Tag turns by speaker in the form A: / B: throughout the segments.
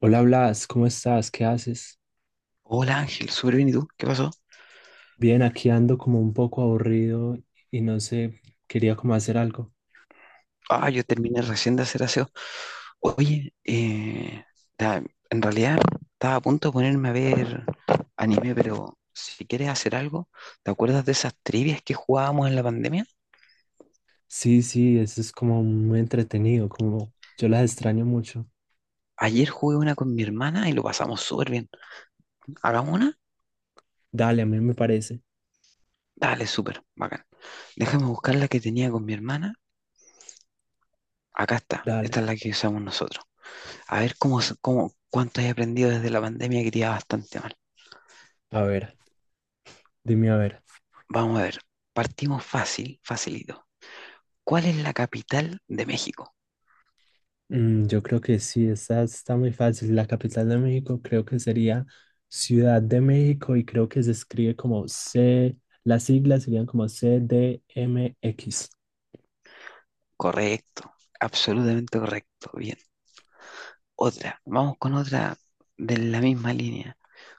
A: Hola Blas, ¿cómo estás? ¿Qué haces?
B: Hola Ángel, súper bien, ¿y tú? ¿Qué pasó?
A: Bien, aquí ando como un poco aburrido y no sé, quería como hacer algo.
B: Ah, yo terminé recién de hacer aseo. Oye, ta- en realidad estaba a punto de ponerme a ver anime, pero si quieres hacer algo, ¿te acuerdas de esas trivias que jugábamos en la pandemia?
A: Sí, sí, eso es como muy entretenido, como yo las extraño mucho.
B: Ayer jugué una con mi hermana y lo pasamos súper bien. ¿Hagamos una?
A: Dale, a mí me parece.
B: Dale, súper, bacán. Déjame buscar la que tenía con mi hermana. Acá está, esta es
A: Dale.
B: la que usamos nosotros. A ver cómo, cómo, cuánto he aprendido desde la pandemia que te iba bastante mal.
A: A ver, dime a ver.
B: Vamos a ver, partimos fácil, facilito. ¿Cuál es la capital de México?
A: Yo creo que sí, esta está muy fácil. La capital de México creo que sería Ciudad de México y creo que se escribe como C, las siglas serían como CDMX.
B: Correcto, absolutamente correcto. Bien, otra. Vamos con otra de la misma línea,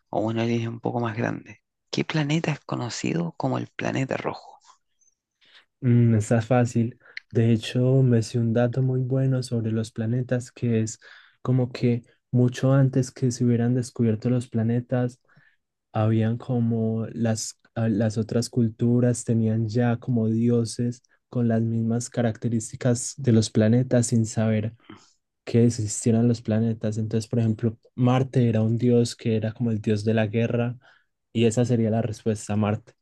B: o una línea un poco más grande. ¿Qué planeta es conocido como el planeta rojo?
A: Está fácil. De hecho, me sé un dato muy bueno sobre los planetas, que es como que mucho antes que se hubieran descubierto los planetas, habían como las, las otras culturas tenían ya como dioses con las mismas características de los planetas sin saber que existieran los planetas. Entonces, por ejemplo, Marte era un dios que era como el dios de la guerra y esa sería la respuesta, Marte.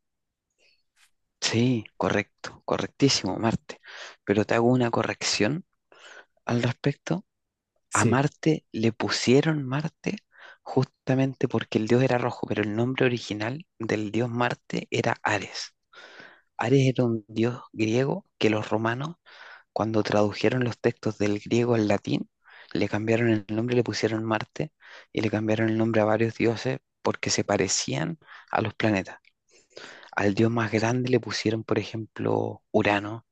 B: Sí, correcto, correctísimo, Marte. Pero te hago una corrección al respecto. A
A: Sí,
B: Marte le pusieron Marte justamente porque el dios era rojo, pero el nombre original del dios Marte era Ares. Ares era un dios griego que los romanos. Cuando tradujeron los textos del griego al latín, le cambiaron el nombre, le pusieron Marte y le cambiaron el nombre a varios dioses porque se parecían a los planetas. Al dios más grande le pusieron, por ejemplo, Urano,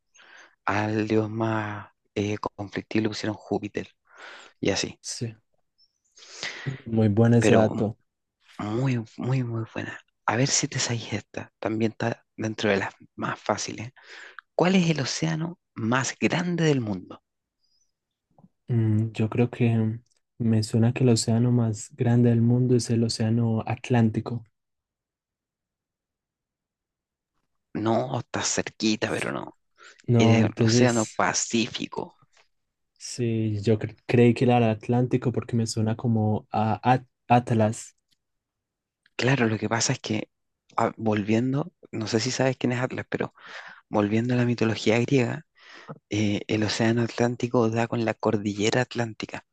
B: al dios más conflictivo le pusieron Júpiter y así.
A: sí. Muy bueno ese
B: Pero
A: dato.
B: muy, muy, muy buena. A ver si te sabes esta. También está dentro de las más fáciles. ¿Cuál es el océano más grande del mundo?
A: Yo creo que me suena que el océano más grande del mundo es el océano Atlántico.
B: No, está cerquita, pero no.
A: No,
B: En el Océano
A: entonces,
B: Pacífico.
A: sí, yo creí que era el Atlántico porque me suena como a Atlas.
B: Claro, lo que pasa es que, ah, volviendo, no sé si sabes quién es Atlas, pero volviendo a la mitología griega, el Océano Atlántico da con la cordillera Atlántica,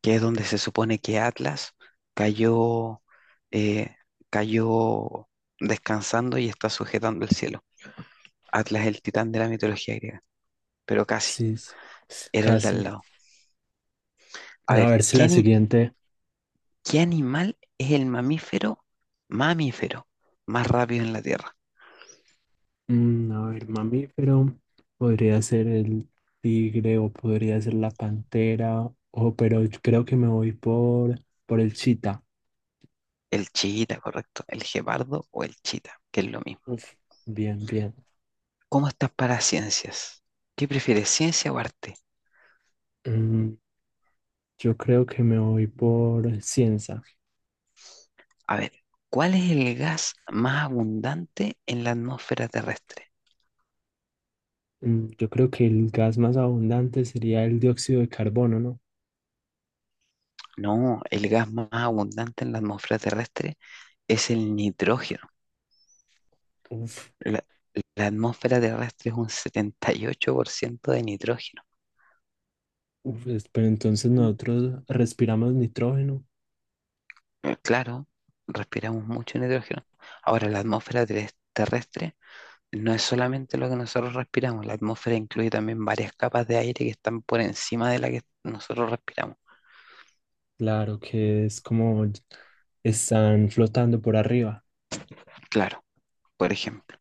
B: que es donde se supone que Atlas cayó, eh, cayó descansando y está sujetando el cielo. Atlas es el titán de la mitología griega, pero casi,
A: Sí, sí,
B: era el de al
A: casi.
B: lado. A
A: A
B: ver,
A: ver si la siguiente.
B: qué animal es el mamífero más rápido en la Tierra?
A: A ver, mamífero. Podría ser el tigre o podría ser la pantera. O, pero yo creo que me voy por el chita.
B: El chiita, correcto. El gepardo o el chita, que es lo mismo.
A: Uf, bien, bien.
B: ¿Cómo estás para ciencias? ¿Qué prefieres, ciencia o arte?
A: Mm, Yo creo que me voy por ciencia.
B: A ver, ¿cuál es el gas más abundante en la atmósfera terrestre?
A: Yo creo que el gas más abundante sería el dióxido de carbono, ¿no?
B: No, el gas más abundante en la atmósfera terrestre es el nitrógeno.
A: Uf,
B: La, la atmósfera terrestre es un 78% de nitrógeno.
A: uf, pero entonces nosotros respiramos nitrógeno.
B: Claro, respiramos mucho nitrógeno. Ahora, la atmósfera terrestre no es solamente lo que nosotros respiramos, la atmósfera incluye también varias capas de aire que están por encima de la que nosotros respiramos.
A: Claro que es como están flotando por arriba.
B: Claro, por ejemplo,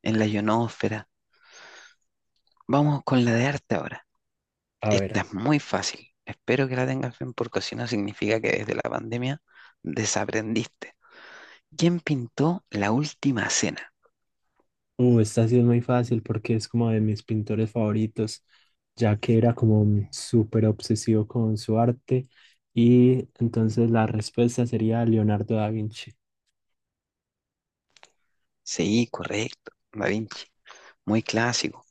B: en la ionosfera. Vamos con la de arte ahora.
A: A
B: Esta
A: ver,
B: es muy fácil. Espero que la tengas bien porque si no significa que desde la pandemia desaprendiste. ¿Quién pintó La Última Cena?
A: esta sí es muy fácil porque es como de mis pintores favoritos, ya que era como un súper obsesivo con su arte. Y entonces la respuesta sería Leonardo da Vinci.
B: Sí, correcto, Da Vinci. Muy clásico,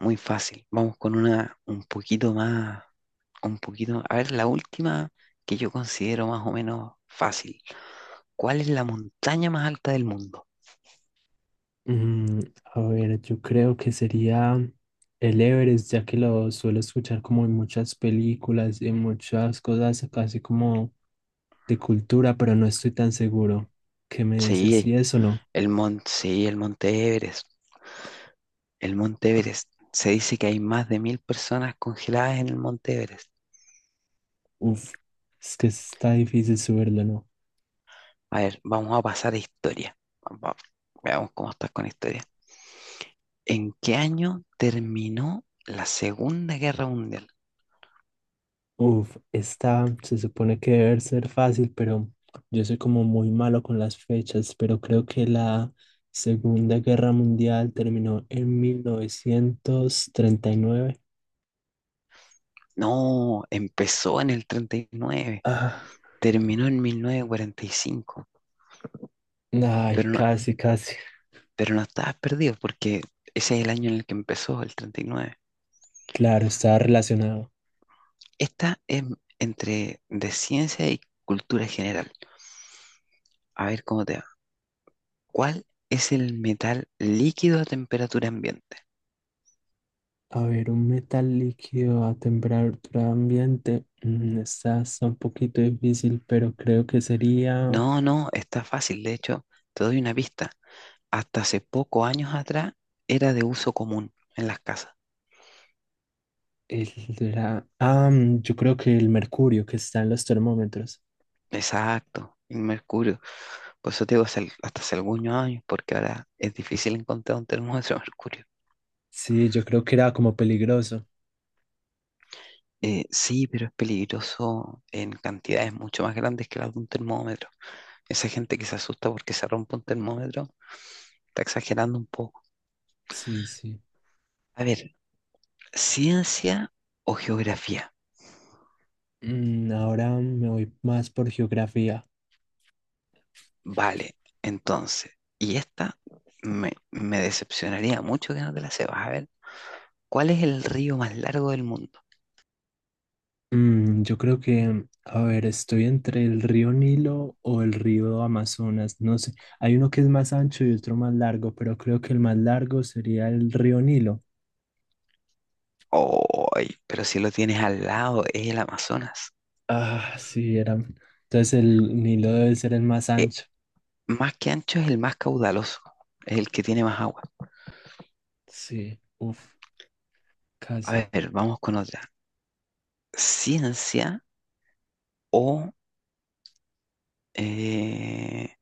B: muy fácil. Vamos con una un poquito más un poquito. A ver, la última que yo considero más o menos fácil. ¿Cuál es la montaña más alta del mundo?
A: Mm, a ver, yo creo que sería el Everest, ya que lo suelo escuchar como en muchas películas, en muchas cosas, casi como de cultura, pero no estoy tan seguro. ¿Qué me dices?
B: Sí,
A: ¿Si es o no?
B: sí, el Monte Everest. El Monte Everest. Se dice que hay más de mil personas congeladas en el Monte Everest.
A: Uf, es que está difícil subirlo, ¿no?
B: A ver, vamos a pasar a historia. Va- Veamos cómo estás con historia. ¿En qué año terminó la Segunda Guerra Mundial?
A: Uf, está, se supone que debe ser fácil, pero yo soy como muy malo con las fechas, pero creo que la Segunda Guerra Mundial terminó en 1939.
B: No, empezó en el 39,
A: Ah,
B: terminó en 1945.
A: ay,
B: Pero no,
A: casi, casi.
B: Pero no estabas perdido porque ese es el año en el que empezó, el 39.
A: Claro, está relacionado.
B: Esta es entre de ciencia y cultura general. A ver cómo te va. ¿Cuál es el metal líquido a temperatura ambiente?
A: A ver, un metal líquido a temperatura ambiente. Mm, Esta está un poquito difícil, pero creo que sería
B: No, no, está fácil. De hecho, te doy una pista. Hasta hace pocos años atrás era de uso común en las casas.
A: el Ah, yo creo que el mercurio que está en los termómetros.
B: Exacto, el mercurio. Por eso te digo, hasta hace algunos años, porque ahora es difícil encontrar un termómetro de mercurio.
A: Sí, yo creo que era como peligroso.
B: Sí, pero es peligroso en cantidades mucho más grandes que las de un termómetro. Esa gente que se asusta porque se rompe un termómetro está exagerando un poco.
A: Sí, sí.
B: A ver, ciencia o geografía.
A: Ahora me voy más por geografía.
B: Vale, entonces, y esta me decepcionaría mucho que no te la sepas. A ver, ¿cuál es el río más largo del mundo?
A: Yo creo que, a ver, estoy entre el río Nilo o el río Amazonas, no sé. Hay uno que es más ancho y otro más largo, pero creo que el más largo sería el río Nilo.
B: ¡Ay! Pero si lo tienes al lado, es el Amazonas.
A: Ah, sí, era. Entonces el Nilo debe ser el más
B: Eh,
A: ancho.
B: más que ancho es el más caudaloso, es el que tiene más agua.
A: Sí, uff,
B: A
A: casi.
B: ver, vamos con otra. Ciencia o, eh,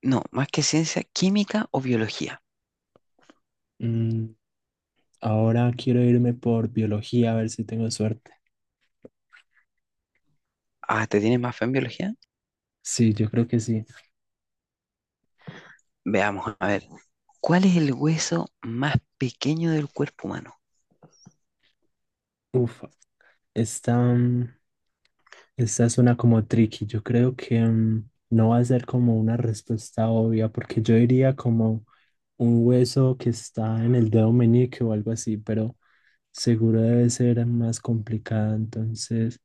B: no, más que ciencia, química o biología.
A: Mm, Ahora quiero irme por biología, a ver si tengo suerte.
B: Ah, ¿te tienes más fe en biología?
A: Sí, yo creo que sí.
B: Veamos, a ver, ¿cuál es el hueso más pequeño del cuerpo humano?
A: Uf, está. Esta suena como tricky. Yo creo que no va a ser como una respuesta obvia, porque yo diría como un hueso que está en el dedo meñique o algo así, pero seguro debe ser más complicada. Entonces,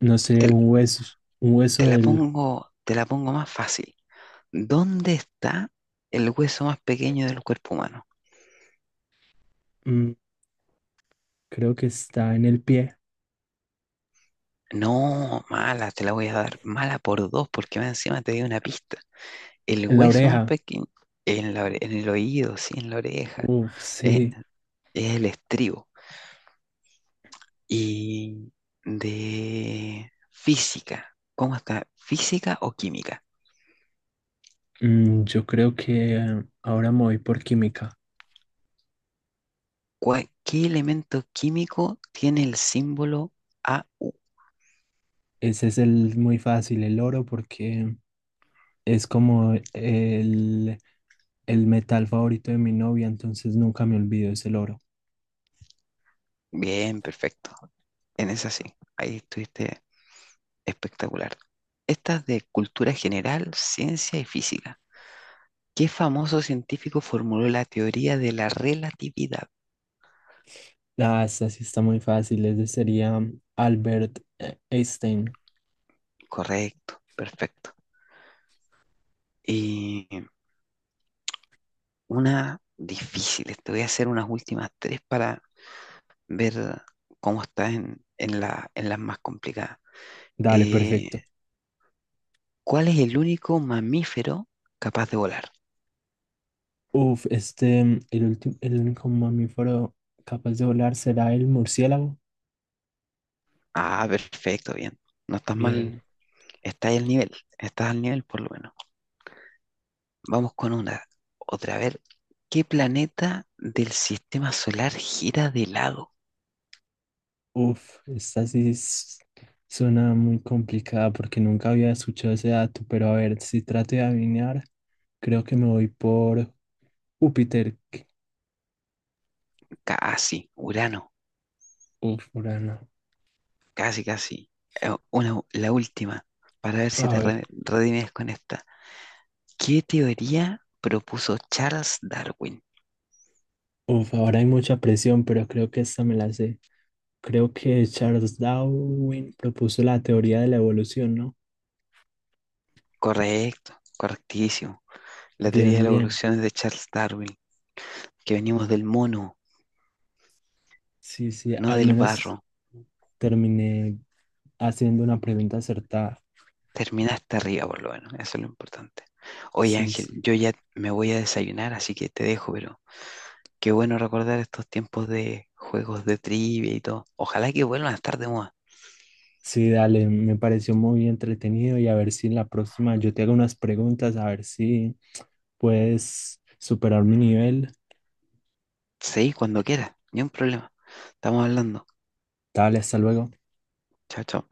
A: no sé,
B: Te,
A: un hueso
B: te la
A: del,
B: pongo, te la pongo más fácil. ¿Dónde está el hueso más pequeño del cuerpo humano?
A: mm, creo que está en el pie,
B: No, mala, te la voy a dar. Mala por dos, porque más encima te di una pista. El
A: en la
B: hueso más
A: oreja.
B: pequeño en el oído, sí, en la oreja,
A: Uf,
B: eh,
A: sí.
B: es el estribo. Y de física, ¿cómo está? ¿Física o química?
A: Yo creo que ahora me voy por química.
B: ¿Qué elemento químico tiene el símbolo AU?
A: Ese es el muy fácil, el oro, porque es como el metal favorito de mi novia, entonces nunca me olvido, es el oro.
B: Bien, perfecto. En esa sí, ahí estuviste espectacular. Esta es de cultura general, ciencia y física. ¿Qué famoso científico formuló la teoría de la relatividad?
A: Ah, esta sí está muy fácil, este sería Albert Einstein.
B: Correcto, perfecto. Y una difícil, te voy a hacer unas últimas tres para ver cómo está en las más complicadas.
A: Dale,
B: Eh,
A: perfecto.
B: ¿cuál es el único mamífero capaz de volar?
A: Uf, este, el último, el único mamífero capaz de volar será el murciélago.
B: Ah, perfecto, bien. No estás
A: Bien.
B: mal, estás al nivel, estás al nivel por lo menos. Vamos con una, otra, a ver. ¿Qué planeta del sistema solar gira de lado?
A: Uf, esta sí suena muy complicada porque nunca había escuchado ese dato, pero a ver, si trato de adivinar, creo que me voy por Júpiter.
B: Casi, Urano,
A: Uf, Urano.
B: casi, casi. Una, la última, para ver si
A: A
B: te
A: ver,
B: redimes con esta. ¿Qué teoría propuso Charles Darwin?
A: uf, ahora hay mucha presión, pero creo que esta me la sé. Creo que Charles Darwin propuso la teoría de la evolución, ¿no?
B: Correcto, correctísimo. La teoría de
A: Bien,
B: la
A: bien.
B: evolución es de Charles Darwin, que venimos del mono,
A: Sí, sí,
B: no
A: al
B: del
A: menos
B: barro.
A: terminé haciendo una pregunta acertada.
B: Terminaste arriba, por lo menos, eso es lo importante. Oye,
A: Sí,
B: Ángel,
A: sí.
B: yo ya me voy a desayunar, así que te dejo, pero qué bueno recordar estos tiempos de juegos de trivia y todo. Ojalá que vuelvan a estar de moda.
A: Sí, dale, me pareció muy entretenido y a ver si en la próxima yo te hago unas preguntas, a ver si puedes superar mi nivel.
B: Sí, cuando quieras, ni un problema. Estamos hablando.
A: Dale, hasta luego.
B: Chao, chao.